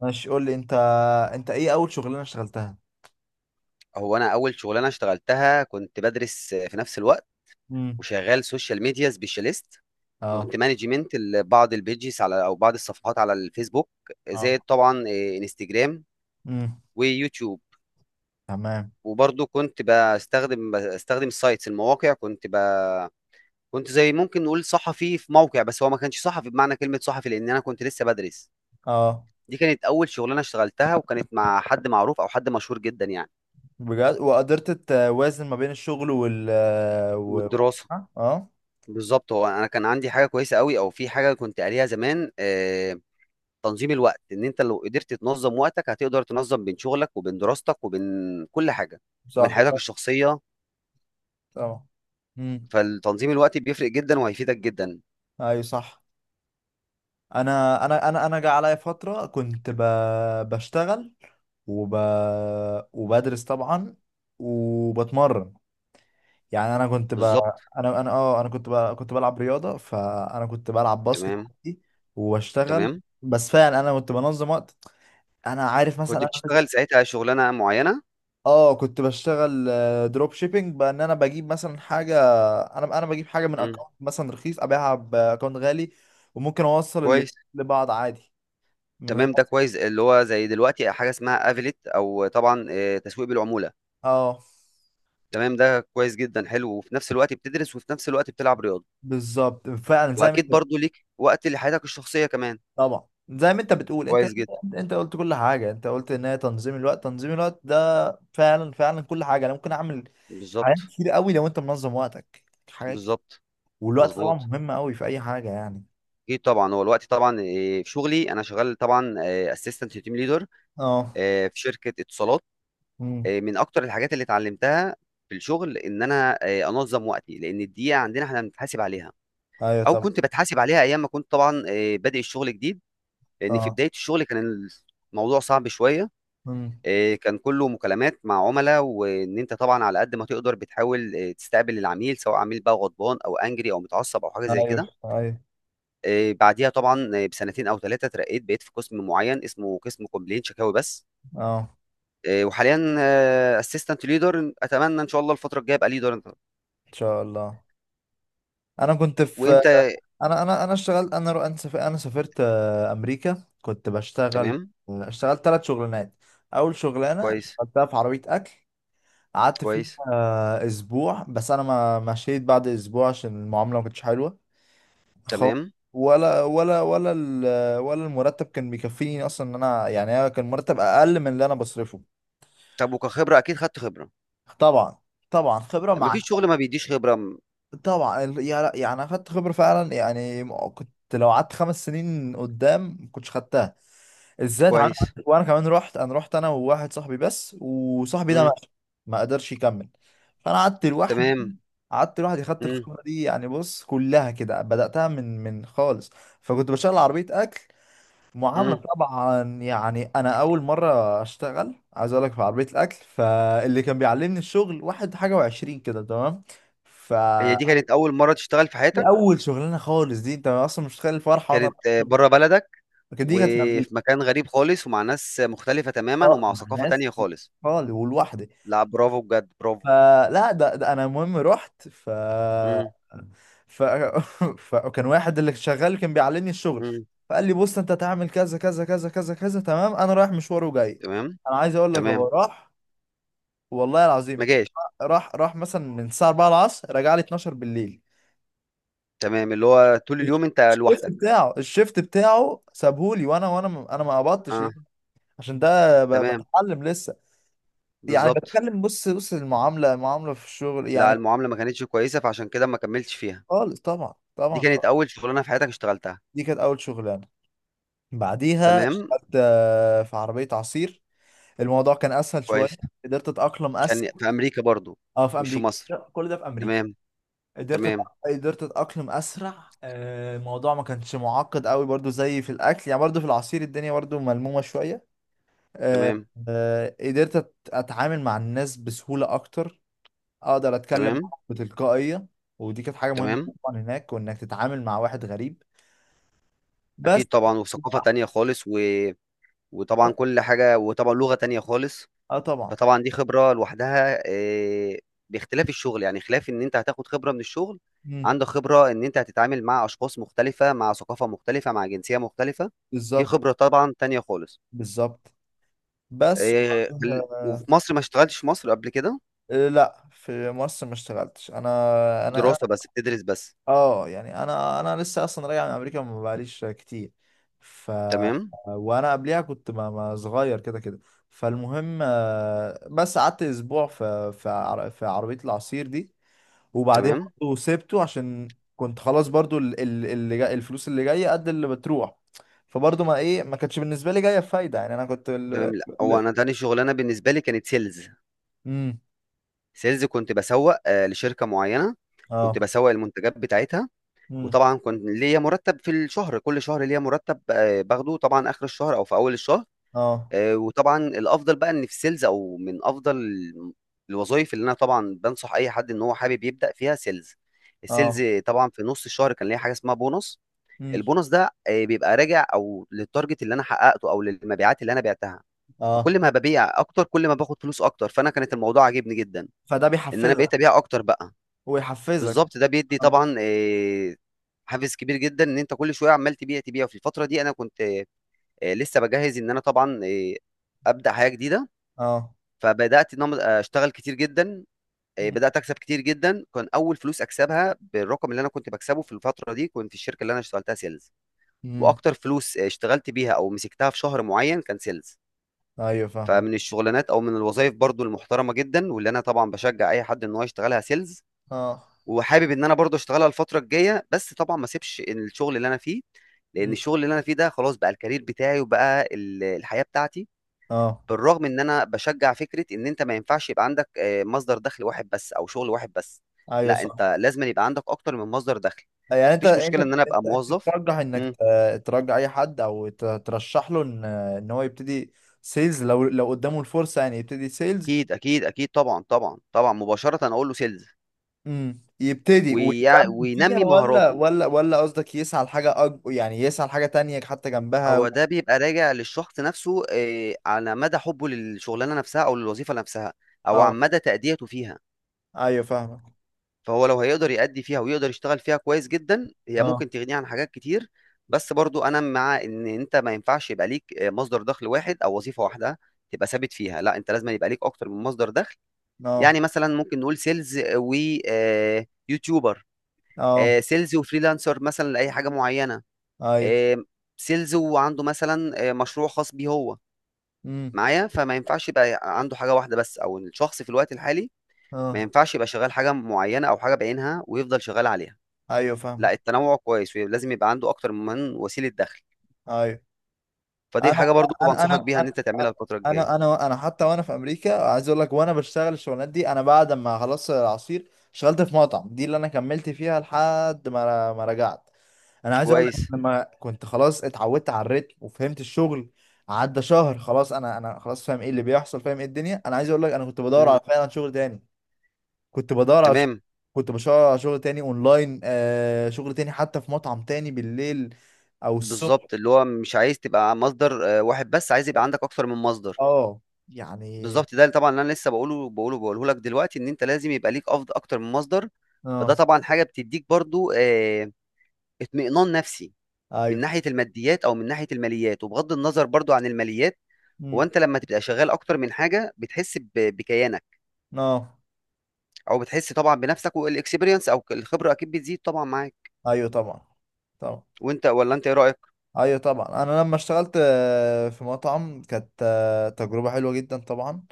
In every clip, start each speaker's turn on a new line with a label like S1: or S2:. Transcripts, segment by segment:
S1: ماشي، قول لي انت. انت ايه اول شغلانه اشتغلتها؟
S2: هو انا اول شغلانه اشتغلتها كنت بدرس في نفس الوقت،
S1: امم
S2: وشغال سوشيال ميديا سبيشاليست.
S1: اه.
S2: كنت مانجمنت بعض البيجز على او بعض الصفحات على الفيسبوك، زائد
S1: اه.
S2: طبعا انستجرام
S1: امم.
S2: ويوتيوب.
S1: تمام.
S2: وبرضه كنت بستخدم السايتس المواقع. كنت زي ممكن نقول صحفي في موقع، بس هو ما كانش صحفي بمعنى كلمه صحفي لان انا كنت لسه بدرس.
S1: اه.
S2: دي كانت اول شغلانه اشتغلتها، وكانت مع حد معروف او حد مشهور جدا يعني.
S1: بجد؟ وقدرت توازن ما بين الشغل و...
S2: والدراسه.
S1: ها؟ اه.
S2: بالظبط، هو انا كان عندي حاجه كويسه قوي، او في حاجه كنت قاريها زمان. تنظيم الوقت، ان انت لو قدرت تنظم وقتك هتقدر تنظم بين شغلك وبين دراستك وبين كل حاجه، وبين
S1: صح.
S2: حياتك الشخصيه.
S1: اه. امم.
S2: فالتنظيم الوقت بيفرق جدا وهيفيدك جدا.
S1: ايوه، صح. انا جه عليا فتره كنت بشتغل وب... وبدرس طبعا وبتمرن. يعني انا كنت
S2: بالظبط.
S1: انا كنت كنت بلعب رياضه، فانا كنت بلعب باسكت
S2: تمام،
S1: عادي واشتغل.
S2: تمام.
S1: بس فعلا انا كنت بنظم وقت. انا عارف، مثلا
S2: كنت بتشتغل ساعتها شغلانه معينه.
S1: اه، كنت بشتغل دروب شيبينج، بان انا بجيب مثلا حاجه. انا بجيب حاجه من
S2: مم.
S1: اكونت مثلا رخيص ابيعها باكونت غالي، وممكن اوصل الاتنين
S2: كويس.
S1: لبعض عادي من غير.
S2: تمام، ده كويس، اللي هو زي دلوقتي حاجه اسمها افيليت، او طبعا تسويق بالعموله.
S1: اه.
S2: تمام، ده كويس جدا، حلو. وفي نفس الوقت بتدرس، وفي نفس الوقت بتلعب رياضه.
S1: بالظبط، فعلا زي ما
S2: واكيد
S1: انت.
S2: برضو ليك وقت لحياتك الشخصيه كمان.
S1: طبعا زي ما انت بتقول، انت،
S2: كويس جدا.
S1: انت قلت كل حاجه. انت قلت ان هي تنظيم الوقت. تنظيم الوقت ده، فعلا فعلا، كل حاجه انا ممكن اعمل حاجات
S2: بالظبط.
S1: كتير قوي لو انت منظم وقتك. حاجات كتير.
S2: بالظبط.
S1: والوقت طبعا
S2: مظبوط.
S1: مهم قوي في اي حاجه يعني.
S2: اكيد طبعا. هو الوقت طبعا، في شغلي انا شغال طبعا اسيستنت تيم ليدر
S1: اه.
S2: في شركه اتصالات.
S1: امم.
S2: من اكتر الحاجات اللي اتعلمتها في الشغل ان انا انظم وقتي، لان الدقيقه عندنا احنا بنتحاسب عليها،
S1: ايوه،
S2: او
S1: طبعا.
S2: كنت بتحاسب عليها ايام ما كنت طبعا بادئ الشغل جديد. لان في
S1: اه.
S2: بدايه الشغل كان الموضوع صعب شويه.
S1: امم.
S2: كان كله مكالمات مع عملاء، وان انت طبعا على قد ما تقدر بتحاول تستقبل العميل، سواء عميل بقى غضبان او انجري او متعصب او حاجه زي
S1: ايوه،
S2: كده.
S1: ايوه.
S2: بعديها طبعا بسنتين او ثلاثه اترقيت، بقيت في قسم معين اسمه قسم كومبلين، شكاوي بس.
S1: اه.
S2: وحاليا اسيستنت ليدر. اتمنى ان شاء الله الفتره الجايه ابقى ليدر.
S1: ان شاء الله. انا كنت في.
S2: وانت؟
S1: انا اشتغلت، انا سافرت, أنا سافرت آه، امريكا، كنت بشتغل.
S2: تمام.
S1: اشتغلت ثلاث شغلانات. اول شغلانه
S2: كويس.
S1: اشتغلتها في عربيه اكل، قعدت فيها
S2: كويس.
S1: اسبوع بس. انا ما مشيت بعد اسبوع عشان المعامله ما كانتش حلوه خالص.
S2: تمام.
S1: ولا المرتب كان بيكفيني اصلا، ان انا يعني أنا كان مرتب اقل من اللي انا بصرفه.
S2: طب وكخبره اكيد خدت خبره.
S1: طبعا. طبعا خبره
S2: يعني
S1: مع،
S2: مفيش شغل ما بيديش خبره.
S1: طبعا يعني انا خدت خبره فعلا، يعني كنت لو قعدت 5 سنين قدام ما كنتش خدتها. الذات عنده.
S2: كويس.
S1: وانا كمان رحت، انا رحت انا وواحد صاحبي بس، وصاحبي ده
S2: امم.
S1: ماشي، ما قدرش يكمل. فانا قعدت لوحدي.
S2: تمام.
S1: قعدت لوحدي، خدت
S2: امم،
S1: الخبره دي. يعني بص، كلها كده بداتها من خالص. فكنت بشتغل عربيه اكل. معامله،
S2: امم.
S1: طبعا يعني انا اول مره اشتغل، عايز اقول لك، في عربيه الاكل، فاللي كان بيعلمني الشغل واحد حاجه وعشرين كده، تمام. ف
S2: هي دي كانت اول مره تشتغل في
S1: دي
S2: حياتك؟
S1: اول شغلانه خالص. دي انت اصلا مش متخيل الفرحه وانا
S2: كانت
S1: رايح الشغل.
S2: بره بلدك؟
S1: لكن دي كانت في امريكا.
S2: وفي مكان غريب خالص، ومع ناس مختلفة تماما،
S1: اه،
S2: ومع
S1: مع
S2: ثقافة
S1: ناس
S2: تانية خالص.
S1: خالص، ولوحدي.
S2: لا، برافو، بجد برافو.
S1: فلا، ده انا المهم رحت
S2: امم.
S1: ف فكان واحد اللي شغال، كان بيعلمني الشغل.
S2: امم.
S1: فقال لي: بص، انت هتعمل كذا كذا كذا كذا كذا، تمام، انا رايح مشوار وجاي.
S2: تمام.
S1: انا عايز اقول لك،
S2: تمام،
S1: هو راح. والله
S2: ما
S1: العظيم
S2: جاش.
S1: راح مثلا من الساعه 4 العصر، رجع لي 12 بالليل.
S2: تمام، اللي هو طول اليوم انت
S1: الشيفت
S2: لوحدك.
S1: بتاعه الشيفت بتاعه سابهولي. وانا انا ما قبضتش
S2: اه.
S1: ليه؟ عشان ده
S2: تمام.
S1: بتعلم لسه. يعني
S2: بالظبط.
S1: بتكلم، بص بص، المعامله المعامله في الشغل
S2: لا،
S1: يعني.
S2: المعاملة ما كانتش كويسة فعشان كده ما كملتش فيها.
S1: خالص. طبعا
S2: دي
S1: طبعا.
S2: كانت أول شغلانة في حياتك اشتغلتها.
S1: دي كانت اول شغلانه. بعديها
S2: تمام.
S1: اشتغلت في عربيه عصير. الموضوع كان اسهل شويه.
S2: كويس.
S1: قدرت اتاقلم
S2: كان
S1: اسرع.
S2: في أمريكا برضو؟
S1: اه، في
S2: مش في
S1: امريكا.
S2: مصر؟
S1: لا، كل ده في امريكا.
S2: تمام. تمام.
S1: قدرت اتاقلم اسرع. الموضوع ما كانش معقد قوي برضو زي في الاكل، يعني برضو في العصير الدنيا برضو ملمومه شويه. آه،
S2: تمام.
S1: آه، قدرت أت- اتعامل مع الناس بسهوله اكتر، اقدر اتكلم
S2: تمام.
S1: معاهم بتلقائيه. ودي كانت حاجه مهمه
S2: تمام.
S1: طبعا هناك، وانك تتعامل مع واحد غريب
S2: أكيد
S1: بس.
S2: طبعا، وثقافة تانية خالص، و وطبعا
S1: اه.
S2: كل حاجة، وطبعا لغة تانية خالص.
S1: آه، طبعا.
S2: فطبعا دي خبرة لوحدها، باختلاف الشغل، يعني خلاف ان انت هتاخد خبرة من الشغل،
S1: مم.
S2: عندك خبرة ان انت هتتعامل مع اشخاص مختلفة، مع ثقافة مختلفة، مع جنسية مختلفة. دي
S1: بالظبط.
S2: خبرة طبعا تانية خالص.
S1: بالظبط. بس وبعدها
S2: وفي مصر ما اشتغلتش؟ في مصر قبل كده؟
S1: لا في مصر ما اشتغلتش. انا
S2: دراسة بس، بتدرس بس.
S1: اه، يعني انا لسه اصلا راجع من امريكا، ما بقاليش كتير. ف
S2: تمام.
S1: وانا قبليها كنت ما صغير كده كده. فالمهم بس قعدت اسبوع في عربية العصير دي. وبعديها
S2: تمام.
S1: برضه سبته، عشان كنت خلاص. برضه ال- ال- اللي جاي الفلوس اللي جايه قد اللي بتروح، فبرضه ما ايه، ما كانتش بالنسبه لي جايه بفايده. يعني انا كنت
S2: تمام. لا، هو
S1: ال...
S2: انا تاني شغلانة بالنسبة لي كانت سيلز.
S1: امم.
S2: سيلز، كنت بسوق لشركة معينة. كنت
S1: اه.
S2: بسوق المنتجات بتاعتها. وطبعا كنت ليا مرتب في الشهر، كل شهر ليا مرتب باخده طبعا اخر الشهر او في اول الشهر.
S1: اه.
S2: وطبعا الافضل بقى ان في سيلز، او من افضل الوظائف اللي انا طبعا بنصح اي حد ان هو حابب يبدا فيها سيلز. السيلز
S1: اه.
S2: طبعا في نص الشهر كان ليا حاجه اسمها بونص.
S1: مم.
S2: البونص ده بيبقى راجع او للتارجت اللي انا حققته او للمبيعات اللي انا بعتها.
S1: اه.
S2: فكل ما ببيع اكتر كل ما باخد فلوس اكتر، فانا كانت الموضوع عاجبني جدا
S1: فده
S2: ان انا
S1: بيحفزك
S2: بقيت ابيع اكتر بقى.
S1: ويحفزك.
S2: بالظبط، ده بيدي
S1: اه.
S2: طبعا حافز كبير جدا ان انت كل شويه عمال تبيع تبيع. في الفتره دي انا كنت لسه بجهز ان انا طبعا ابدا حياه جديده.
S1: اه.
S2: فبدات ان انا اشتغل كتير جدا.
S1: مم.
S2: بدات اكسب كتير جدا. كان اول فلوس اكسبها بالرقم اللي انا كنت بكسبه في الفتره دي، كنت في الشركه اللي انا اشتغلتها سيلز.
S1: مم.
S2: واكتر فلوس اشتغلت بيها او مسكتها في شهر معين كان سيلز.
S1: ايوه، فاهمك.
S2: فمن الشغلانات او من الوظائف برضو المحترمه جدا، واللي انا طبعا بشجع اي حد ان هو يشتغلها سيلز.
S1: اه.
S2: وحابب ان انا برضه اشتغلها الفتره الجايه، بس طبعا ما اسيبش الشغل اللي انا فيه، لان
S1: مم.
S2: الشغل اللي انا فيه ده خلاص بقى الكارير بتاعي، وبقى الحياه بتاعتي.
S1: اه.
S2: بالرغم ان انا بشجع فكره ان انت ما ينفعش يبقى عندك مصدر دخل واحد بس، او شغل واحد بس.
S1: ايوه،
S2: لا،
S1: صح.
S2: انت لازم يبقى عندك اكتر من مصدر دخل.
S1: يعني انت
S2: مفيش
S1: انت
S2: مشكله
S1: انت,
S2: ان انا ابقى
S1: انت
S2: موظف.
S1: ترجح انك
S2: مم.
S1: ترجع اي حد، او ترشح له ان هو يبتدي سيلز، لو قدامه الفرصة، يعني يبتدي سيلز.
S2: اكيد، اكيد، اكيد، طبعا، طبعا، طبعا، مباشره اقول له سيلز.
S1: امم، يبتدي ويكمل فيها،
S2: وينمي
S1: ولا
S2: مهاراته.
S1: ولا قصدك يسعى لحاجة يعني يسعى لحاجة تانية حتى جنبها
S2: هو ده بيبقى راجع للشخص نفسه، على مدى حبه للشغلانه نفسها او للوظيفه نفسها، او
S1: اه.
S2: عن مدى تأديته فيها.
S1: ايوه، فاهمك.
S2: فهو لو هيقدر يأدي فيها ويقدر يشتغل فيها كويس جدا، هي
S1: اه.
S2: ممكن تغنيه عن حاجات كتير. بس برضو انا مع ان انت ما ينفعش يبقى ليك مصدر دخل واحد او وظيفه واحده تبقى ثابت فيها. لا، انت لازم يبقى ليك اكتر من مصدر دخل.
S1: اه.
S2: يعني مثلا ممكن نقول سيلز ويوتيوبر،
S1: اه.
S2: سيلز وفريلانسر مثلا لاي حاجه معينه،
S1: ايوه.
S2: آه، سيلز وعنده مثلا مشروع خاص بيه هو
S1: امم.
S2: معايا. فما ينفعش يبقى عنده حاجة واحدة بس، أو إن الشخص في الوقت الحالي ما
S1: اه.
S2: ينفعش يبقى شغال حاجة معينة أو حاجة بعينها ويفضل شغال عليها.
S1: ايوه،
S2: لا،
S1: فاهمك.
S2: التنوع كويس، ولازم يبقى عنده أكتر من وسيلة دخل.
S1: ايوه.
S2: فدي
S1: انا
S2: حاجة برضو
S1: انا
S2: بنصحك
S1: انا
S2: بيها إن
S1: انا
S2: أنت تعملها الفترة الجاية.
S1: انا انا, أنا حتى وانا في امريكا، عايز اقول لك، وانا بشتغل الشغلانات دي، انا بعد ما خلصت العصير اشتغلت في مطعم، دي اللي انا كملت فيها لحد ما رجعت. انا عايز اقول لك،
S2: كويس.
S1: لما كنت خلاص اتعودت على الريتم وفهمت الشغل، عدى شهر، خلاص انا خلاص فاهم ايه اللي بيحصل، فاهم ايه الدنيا. انا عايز اقول لك، انا كنت بدور
S2: مم.
S1: على، فعلا، شغل تاني. كنت بدور على ش-
S2: تمام.
S1: كنت بدور على شغل تاني اونلاين، شغل تاني، حتى في مطعم تاني بالليل او الصبح.
S2: بالظبط، اللي هو مش عايز تبقى مصدر واحد بس، عايز يبقى عندك أكتر من مصدر.
S1: اه. يعني،
S2: بالظبط، ده اللي طبعا اللي أنا لسه بقوله لك دلوقتي، إن أنت لازم يبقى ليك أفضل أكتر من مصدر.
S1: اه.
S2: فده طبعا حاجة بتديك برضو اطمئنان نفسي من
S1: ايوه.
S2: ناحيه الماديات او من ناحيه الماليات. وبغض النظر برضو عن الماليات، هو
S1: امم.
S2: انت لما تبقى شغال اكتر من حاجه بتحس بكيانك،
S1: اه.
S2: او بتحس طبعا بنفسك. والاكسبيرينس او الخبره اكيد بتزيد طبعا معاك.
S1: ايوه، طبعا. طبعا.
S2: وانت، ولا انت ايه رايك؟
S1: ايوه، طبعا. انا لما اشتغلت في مطعم، كانت تجربة حلوة جدا طبعا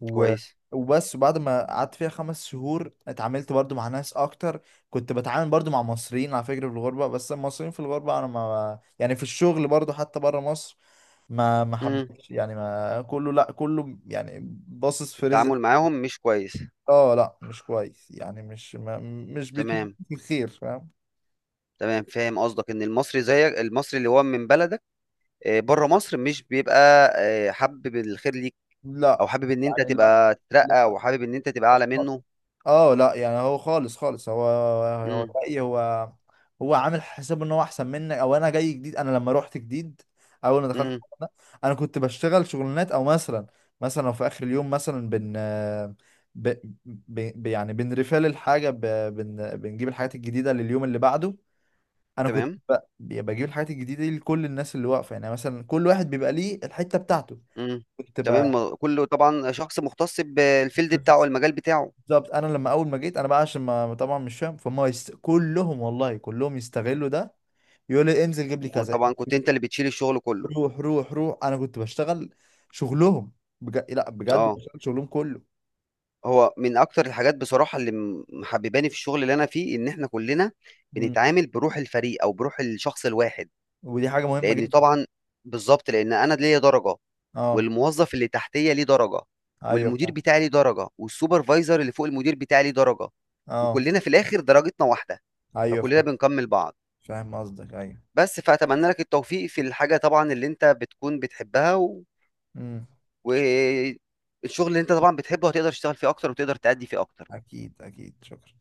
S1: و...
S2: كويس.
S1: وبس، بعد ما قعدت فيها 5 شهور، اتعاملت برضو مع ناس اكتر. كنت بتعامل برضو مع مصريين، على فكرة، في الغربة. بس المصريين في الغربة، انا ما يعني في الشغل برضو حتى بره مصر، ما
S2: امم.
S1: حبش، يعني، ما كله، لا كله يعني باصص في رزق.
S2: التعامل معاهم مش كويس.
S1: اه، لا مش كويس، يعني مش ما، مش بيتمنى
S2: تمام.
S1: الخير، فاهم.
S2: تمام، فاهم قصدك. ان المصري زيك، المصري اللي هو من بلدك، بره مصر مش بيبقى حابب الخير ليك، او
S1: لا،
S2: حابب ان انت
S1: يعني، لا،
S2: تبقى تترقى، او حابب ان انت تبقى اعلى
S1: لا.
S2: منه.
S1: اه، لا يعني هو خالص خالص. هو
S2: امم.
S1: جاي. هو عامل حساب ان هو احسن منك، او انا جاي جديد، انا لما روحت جديد، اول ما دخلت
S2: امم.
S1: الموضوع ده، انا كنت بشتغل شغلانات او مثلا، مثلا لو في اخر اليوم مثلا بن ب... ب... ب... يعني بنرفال الحاجه، بنجيب الحاجات الجديده لليوم اللي بعده. انا كنت
S2: تمام.
S1: بجيب الحاجات الجديده دي لكل الناس اللي واقفه، يعني مثلا كل واحد بيبقى ليه الحته بتاعته.
S2: امم.
S1: كنت
S2: تمام، كله طبعا شخص مختص بالفيلد بتاعه، المجال بتاعه.
S1: بالظبط. انا لما اول ما جيت، انا بقى عشان ما طبعا مش فاهم فهم، كلهم والله كلهم يستغلوا ده. يقول لي: انزل جيب لي كذا،
S2: وطبعا
S1: انزل
S2: كنت
S1: جيب لي
S2: انت
S1: كذا.
S2: اللي بتشيل الشغل كله.
S1: روح روح روح. انا كنت بشتغل شغلهم، بجد، لا بجد،
S2: اه.
S1: بشتغل شغلهم كله.
S2: هو من اكتر الحاجات بصراحه اللي محبباني في الشغل اللي انا فيه، ان احنا كلنا
S1: مم.
S2: بنتعامل بروح الفريق او بروح الشخص الواحد.
S1: ودي حاجه مهمه
S2: لان
S1: جدا.
S2: طبعا بالظبط، لان انا ليا درجه،
S1: اه،
S2: والموظف اللي تحتيه ليه درجه،
S1: ايوه،
S2: والمدير
S1: فاهم.
S2: بتاعي ليه درجه، والسوبرفايزر اللي فوق المدير بتاعي ليه درجه،
S1: اه،
S2: وكلنا في الاخر درجتنا واحده،
S1: ايوه،
S2: فكلنا
S1: فاهم.
S2: بنكمل بعض.
S1: فاهم قصدك، ايوه.
S2: بس فأتمنى لك التوفيق في الحاجة طبعًا اللي أنت بتكون بتحبها،
S1: امم.
S2: والشغل اللي أنت طبعًا بتحبه هتقدر تشتغل فيه أكتر وتقدر تأدي فيه أكتر.
S1: اكيد اكيد، شكرا.